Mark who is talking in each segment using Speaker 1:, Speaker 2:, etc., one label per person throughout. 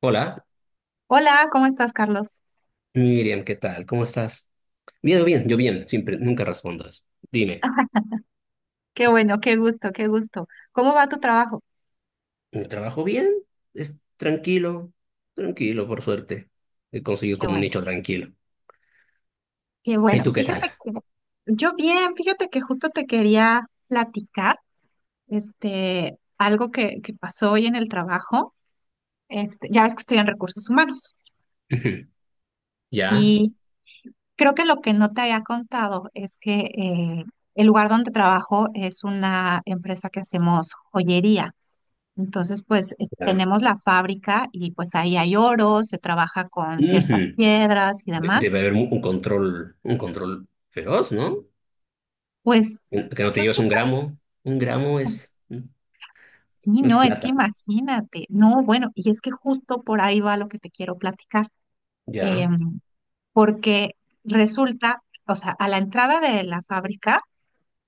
Speaker 1: Hola,
Speaker 2: Hola, ¿cómo estás, Carlos?
Speaker 1: Miriam, ¿qué tal? ¿Cómo estás? Bien, bien, yo bien, siempre, nunca respondo eso. Dime,
Speaker 2: Qué bueno, qué gusto, qué gusto. ¿Cómo va tu trabajo?
Speaker 1: ¿mi trabajo bien? ¿Es tranquilo? Tranquilo, por suerte. He conseguido
Speaker 2: Qué
Speaker 1: como un
Speaker 2: bueno,
Speaker 1: nicho tranquilo.
Speaker 2: qué
Speaker 1: ¿Y
Speaker 2: bueno.
Speaker 1: tú qué tal?
Speaker 2: Fíjate que yo bien, fíjate que justo te quería platicar, este, algo que pasó hoy en el trabajo. Este, ya ves que estoy en recursos humanos
Speaker 1: Ujú. ¿Ya?
Speaker 2: y creo que lo que no te había contado es que el lugar donde trabajo es una empresa que hacemos joyería. Entonces, pues
Speaker 1: Ya.
Speaker 2: tenemos la fábrica y pues ahí hay oro, se trabaja con ciertas
Speaker 1: Ujú.
Speaker 2: piedras y
Speaker 1: Debe
Speaker 2: demás.
Speaker 1: haber un control, un control feroz, ¿no?
Speaker 2: Pues
Speaker 1: Que no te
Speaker 2: yo
Speaker 1: lleves un
Speaker 2: siento
Speaker 1: gramo. Un gramo
Speaker 2: que sí,
Speaker 1: es
Speaker 2: no, es que
Speaker 1: plata.
Speaker 2: imagínate, no, bueno, y es que justo por ahí va lo que te quiero platicar,
Speaker 1: Ya,
Speaker 2: em, porque resulta, o sea, a la entrada de la fábrica,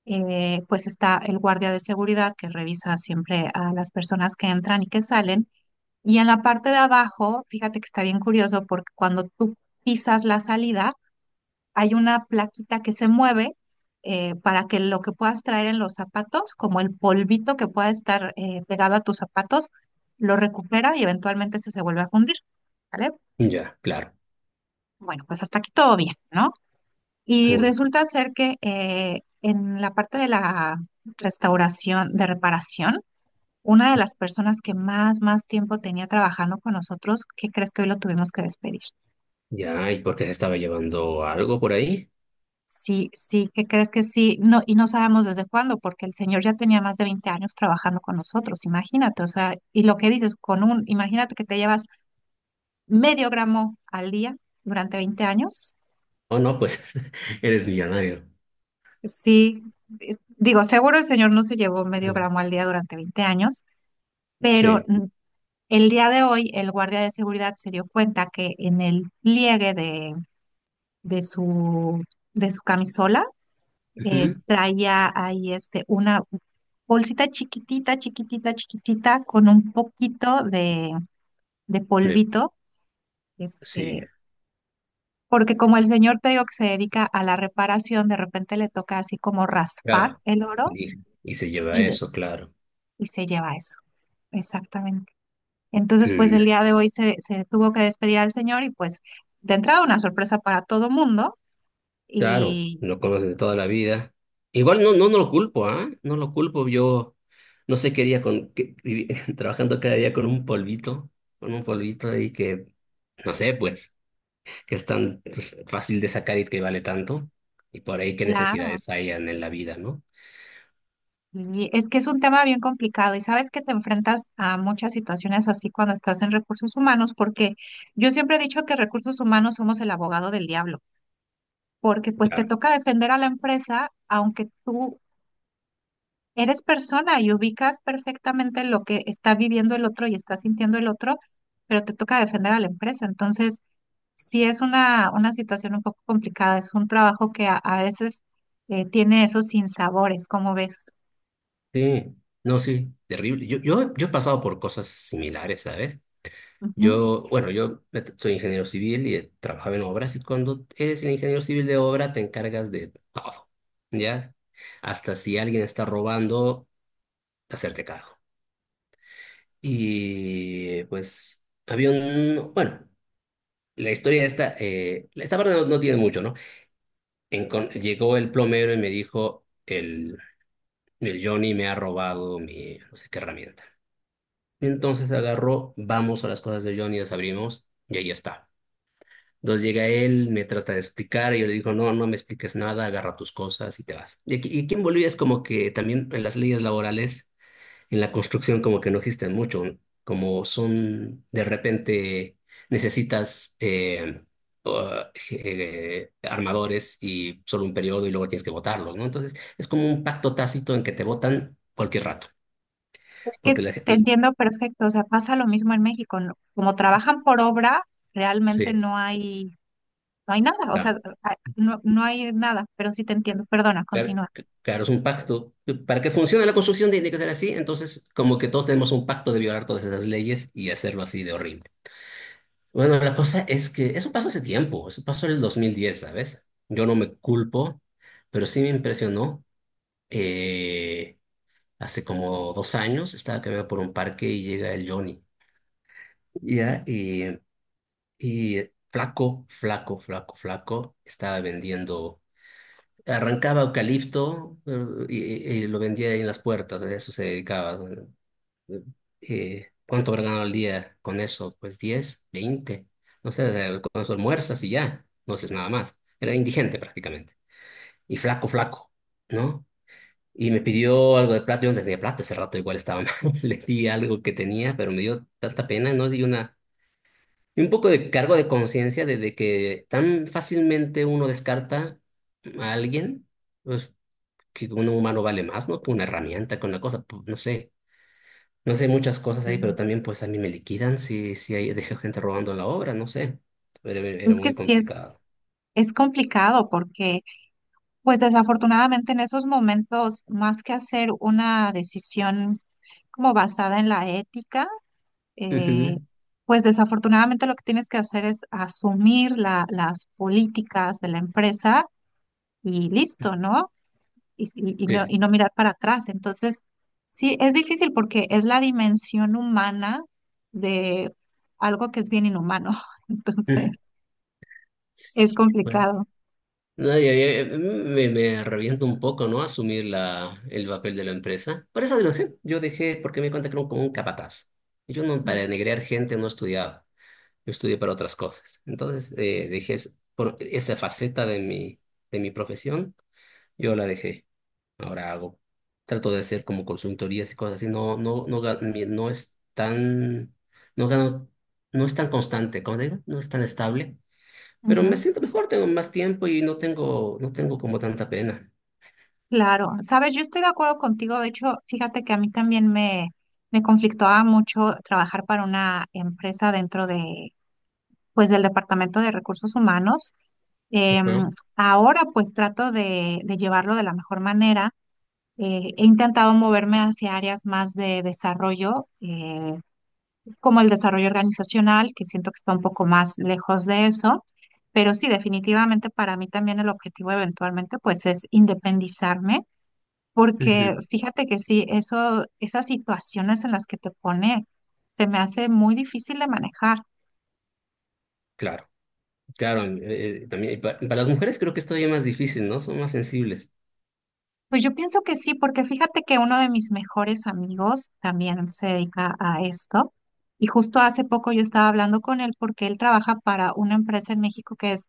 Speaker 2: pues está el guardia de seguridad que revisa siempre a las personas que entran y que salen. Y en la parte de abajo, fíjate que está bien curioso porque cuando tú pisas la salida, hay una plaquita que se mueve para que lo que puedas traer en los zapatos, como el polvito que pueda estar pegado a tus zapatos, lo recupera y eventualmente se vuelve a fundir, ¿vale?
Speaker 1: ya, claro.
Speaker 2: Bueno, pues hasta aquí todo bien, ¿no? Y
Speaker 1: Uy,
Speaker 2: resulta ser que en la parte de la restauración, de reparación, una de las personas que más, más tiempo tenía trabajando con nosotros, ¿qué crees que hoy lo tuvimos que despedir?
Speaker 1: ya, ¿y por qué se estaba llevando algo por ahí?
Speaker 2: Sí, sí, ¿qué crees que sí? No, y no sabemos desde cuándo, porque el señor ya tenía más de 20 años trabajando con nosotros, imagínate, o sea, y lo que dices, con un, imagínate que te llevas medio gramo al día durante 20 años,
Speaker 1: Oh, no, pues eres millonario.
Speaker 2: sí, digo, seguro el señor no se llevó medio gramo al día durante 20 años, pero
Speaker 1: Sí.
Speaker 2: el día de hoy el guardia de seguridad se dio cuenta que en el pliegue de su, de su camisola
Speaker 1: Ujú.
Speaker 2: traía ahí este, una bolsita chiquitita, chiquitita, chiquitita, con un poquito de
Speaker 1: Sí,
Speaker 2: polvito,
Speaker 1: sí,
Speaker 2: este, porque como el señor te digo que se dedica a la reparación, de repente le toca así como raspar
Speaker 1: claro.
Speaker 2: el oro
Speaker 1: Y, y se lleva
Speaker 2: y, de-
Speaker 1: eso, claro.
Speaker 2: y se lleva eso, exactamente. Entonces, pues
Speaker 1: Mm,
Speaker 2: el día de hoy se tuvo que despedir al señor y pues de entrada una sorpresa para todo mundo
Speaker 1: claro,
Speaker 2: y
Speaker 1: lo conoces de toda la vida. Igual no lo culpo, ¿ah? No lo culpo. Yo no sé qué día con, trabajando cada día con un polvito y que, no sé, pues, que es tan pues, fácil de sacar y que vale tanto. Y por ahí qué
Speaker 2: claro.
Speaker 1: necesidades hayan en la vida, ¿no?
Speaker 2: Y es que es un tema bien complicado y sabes que te enfrentas a muchas situaciones así cuando estás en recursos humanos, porque yo siempre he dicho que recursos humanos somos el abogado del diablo, porque pues te
Speaker 1: Claro.
Speaker 2: toca defender a la empresa, aunque tú eres persona y ubicas perfectamente lo que está viviendo el otro y está sintiendo el otro, pero te toca defender a la empresa. Entonces, sí es una situación un poco complicada, es un trabajo que a veces tiene esos sinsabores, ¿como ves?
Speaker 1: Sí, no, sí, terrible. Yo he pasado por cosas similares, ¿sabes?
Speaker 2: Ujú.
Speaker 1: Yo, bueno, yo soy ingeniero civil y trabajaba en obras, y cuando eres el ingeniero civil de obra te encargas de todo, ¿ya? Hasta si alguien está robando, hacerte cargo. Y pues había un, bueno, la historia esta, esta parte no, no tiene mucho, ¿no? Llegó el plomero y me dijo, el Johnny me ha robado mi, no sé qué herramienta. Entonces agarró, vamos a las cosas de Johnny, las abrimos y ahí está. Entonces llega él, me trata de explicar, y yo le digo, no, no me expliques nada, agarra tus cosas y te vas. Y aquí en Bolivia es como que también en las leyes laborales, en la construcción como que no existen mucho, ¿no? Como son de repente necesitas uh, armadores y solo un periodo y luego tienes que votarlos, ¿no? Entonces es como un pacto tácito en que te votan cualquier rato,
Speaker 2: Es que
Speaker 1: porque
Speaker 2: te entiendo perfecto, o sea, pasa lo mismo en México, ¿no? Como trabajan por obra, realmente
Speaker 1: sí,
Speaker 2: no hay nada, o sea, no, no hay nada, pero sí te entiendo, perdona,
Speaker 1: claro,
Speaker 2: continúa.
Speaker 1: claro, es un pacto. Para que funcione la construcción tiene que ser así, entonces como que todos tenemos un pacto de violar todas esas leyes y hacerlo así de horrible. Bueno, la cosa es que eso pasó hace tiempo, eso pasó en el 2010, ¿sabes? Yo no me culpo, pero sí me impresionó. Eh, Hace como 2 años estaba caminando por un parque y llega el Johnny, ¿ya? Y flaco, flaco, flaco, flaco, estaba vendiendo. Arrancaba eucalipto y, y lo vendía ahí en las puertas, a eso se dedicaba. Eh, ¿Cuánto habrá ganado al día con eso? Pues 10 20 no sé, con eso almuerzas y ya, no haces nada más. Era indigente prácticamente. Y flaco, flaco, ¿no? Y me pidió algo de plata, yo no tenía plata, ese rato igual estaba mal. Le di algo que tenía, pero me dio tanta pena, ¿no? Di una... y un poco de cargo de conciencia de que tan fácilmente uno descarta a alguien. Pues que un humano vale más, ¿no? Que una herramienta, que una cosa, no sé. No sé, muchas cosas ahí, pero
Speaker 2: Continúa.
Speaker 1: también pues a mí me liquidan si, si hay, dejo gente robando la obra, no sé. Era, era
Speaker 2: Es que
Speaker 1: muy
Speaker 2: sí es,
Speaker 1: complicado.
Speaker 2: es complicado porque, pues desafortunadamente en esos momentos, más que hacer una decisión como basada en la ética, eh,
Speaker 1: Ujú.
Speaker 2: pues desafortunadamente lo que tienes que hacer es asumir las políticas de la empresa y listo, ¿no? y, si- y no,
Speaker 1: Sí.
Speaker 2: y no mirar para atrás. Entonces, sí, es difícil porque es la dimensión humana de algo que es bien inhumano. Entonces,
Speaker 1: Mm.
Speaker 2: es
Speaker 1: Sí, bueno.
Speaker 2: complicado.
Speaker 1: No, ya, me reviento un poco, ¿no? Asumir la, el papel de la empresa. Por eso lo dejé. Yo dejé porque me di cuenta que era como un capataz. Y yo no,
Speaker 2: Mm.
Speaker 1: para negrear gente no estudiaba. Yo estudié para otras cosas. Entonces, por esa faceta de mi profesión, yo la dejé. Ahora hago. Trato de hacer como consultorías y cosas así. No, no, no, no es tan, no gano, no es tan constante, como digo, no es tan estable. Pero me
Speaker 2: Ujú.
Speaker 1: siento mejor, tengo más tiempo y no tengo, no tengo como tanta pena.
Speaker 2: Claro, sabes, yo estoy de acuerdo contigo. De hecho, fíjate que a mí también me conflictaba mucho trabajar para una empresa dentro de, pues, del Departamento de Recursos Humanos.
Speaker 1: Ajá.
Speaker 2: Em, Ahora, pues, trato de llevarlo de la mejor manera. He intentado moverme hacia áreas más de desarrollo, como el desarrollo organizacional, que siento que está un poco más lejos de eso, pero sí, definitivamente para mí también el objetivo eventualmente pues es independizarme, porque
Speaker 1: Ujú.
Speaker 2: fíjate que sí, eso, esas situaciones en las que te pone se me hace muy difícil de manejar.
Speaker 1: Claro, claro, también y para, las mujeres creo que es todavía más difícil, ¿no? Son más sensibles.
Speaker 2: Pues yo pienso que sí, porque fíjate que uno de mis mejores amigos también se dedica a esto. Y justo hace poco yo estaba hablando con él porque él trabaja para una empresa en México que es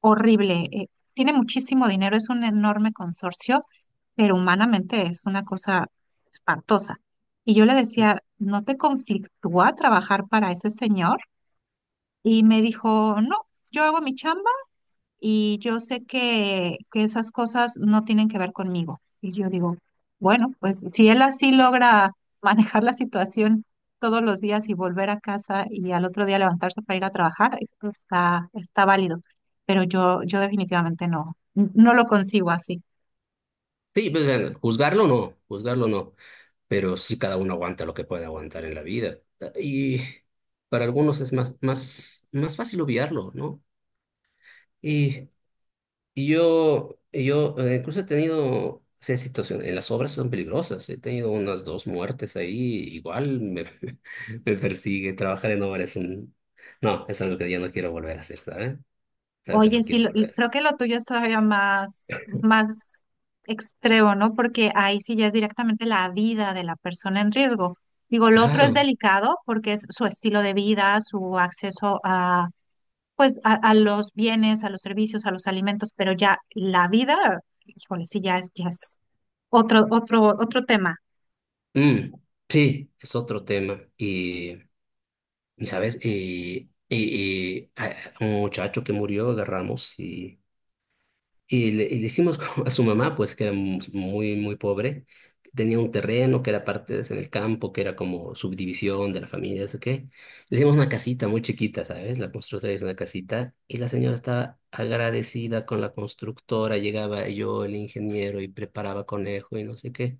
Speaker 2: horrible. Tiene muchísimo dinero, es un enorme consorcio, pero humanamente es una cosa espantosa. Y yo le decía, ¿no te conflictúa trabajar para ese señor? Y me dijo, no, yo hago mi chamba y yo sé que esas cosas no tienen que ver conmigo. Y yo digo, bueno, pues si él así logra manejar la situación todos los días y volver a casa y al otro día levantarse para ir a trabajar, esto está válido. Pero yo definitivamente no, no lo consigo así.
Speaker 1: Sí, pues, juzgarlo no, pero sí cada uno aguanta lo que puede aguantar en la vida. Y para algunos es más, más, más fácil obviarlo, ¿no? Y, y yo incluso he tenido esa situación, en las obras son peligrosas, he tenido unas dos muertes ahí, igual me, me persigue, trabajar en obra es un... No, es algo que ya no quiero volver a hacer, ¿sabes? Es algo que
Speaker 2: Oye,
Speaker 1: no
Speaker 2: sí,
Speaker 1: quiero volver a
Speaker 2: creo
Speaker 1: hacer.
Speaker 2: que lo tuyo es todavía más, más extremo, ¿no? Porque ahí sí ya es directamente la vida de la persona en riesgo. Digo, lo otro es
Speaker 1: Claro.
Speaker 2: delicado porque es su estilo de vida, su acceso a, pues, a los bienes, a los servicios, a los alimentos, pero ya la vida, híjole, sí, ya es otro, otro, otro tema.
Speaker 1: Mm, sí, es otro tema. Y y sabes, a un muchacho que murió agarramos y le hicimos como a su mamá, pues que era muy, muy pobre, tenía un terreno que era en el campo, que era como subdivisión de la familia, eso qué. Le hicimos una casita muy chiquita, ¿sabes? La constructora hizo una casita y la señora estaba agradecida con la constructora, llegaba yo, el ingeniero, y preparaba conejo y no sé qué.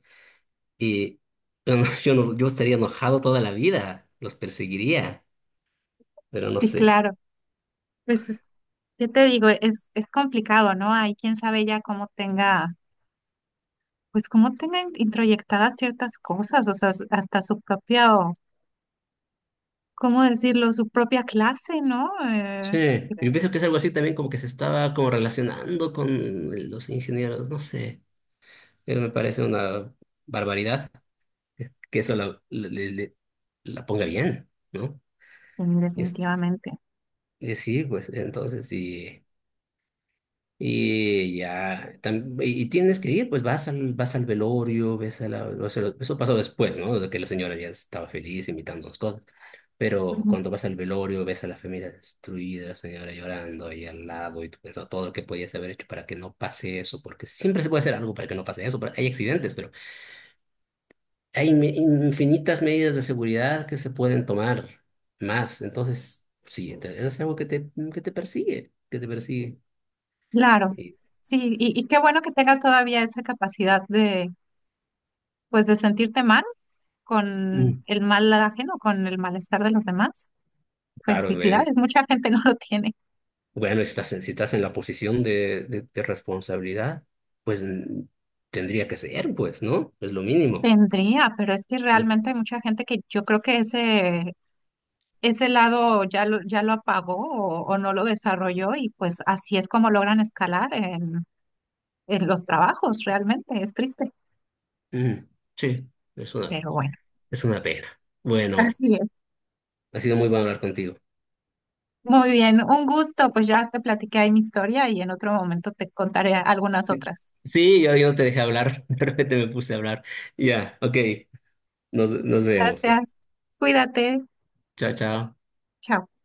Speaker 1: Y yo, yo, yo estaría enojado toda la vida, los perseguiría, pero no
Speaker 2: Sí,
Speaker 1: sé.
Speaker 2: claro. Pues, ¿qué te digo? Es complicado, ¿no? Ahí quién sabe ya cómo tenga. Pues cómo tienen introyectadas ciertas cosas, o sea, hasta su propia, ¿cómo decirlo? Su propia clase, ¿no?
Speaker 1: Sí, yo pienso que es algo así también como que se estaba como relacionando con los ingenieros, no sé, me parece una barbaridad que eso la, la ponga bien, ¿no? Es,
Speaker 2: Definitivamente.
Speaker 1: y sí, pues entonces sí. Y ya, y tienes que ir, pues vas al velorio, ves a la, o sea, eso pasó después, ¿no? De que la señora ya estaba feliz imitando las cosas. Pero
Speaker 2: Ujú.
Speaker 1: cuando vas al velorio, ves a la familia destruida, la señora llorando ahí al lado, y tú pensando todo lo que podías haber hecho para que no pase eso, porque siempre se puede hacer algo para que no pase eso, porque hay accidentes, pero hay infinitas medidas de seguridad que se pueden tomar más. Entonces, sí, eso es algo que te persigue, que te persigue.
Speaker 2: Claro,
Speaker 1: Y,
Speaker 2: sí, y qué bueno que tengas todavía esa capacidad de, pues, de sentirte mal con
Speaker 1: mm,
Speaker 2: el mal ajeno, con el malestar de los demás.
Speaker 1: claro,
Speaker 2: Felicidades, mucha gente no lo tiene.
Speaker 1: bueno, si estás si estás en la posición de responsabilidad, pues mm, tendría que ser, pues, ¿no? Es lo mínimo.
Speaker 2: Tendría, pero es que
Speaker 1: Mm.
Speaker 2: realmente hay mucha gente que yo creo que ese lado ya lo apagó o no lo desarrolló y pues así es como logran escalar en los trabajos, realmente es triste,
Speaker 1: Mm, sí, es una,
Speaker 2: pero bueno,
Speaker 1: es una pena. Bueno,
Speaker 2: así es.
Speaker 1: ha sido muy bueno hablar contigo.
Speaker 2: Muy bien, un gusto, pues ya te platiqué ahí mi historia y en otro momento te contaré algunas
Speaker 1: Sí,
Speaker 2: otras.
Speaker 1: sí, yo no te dejé hablar, de repente me puse a hablar. Ya, ok, nos, nos vemos, pues.
Speaker 2: Gracias, cuídate,
Speaker 1: Chao, chao.
Speaker 2: chao.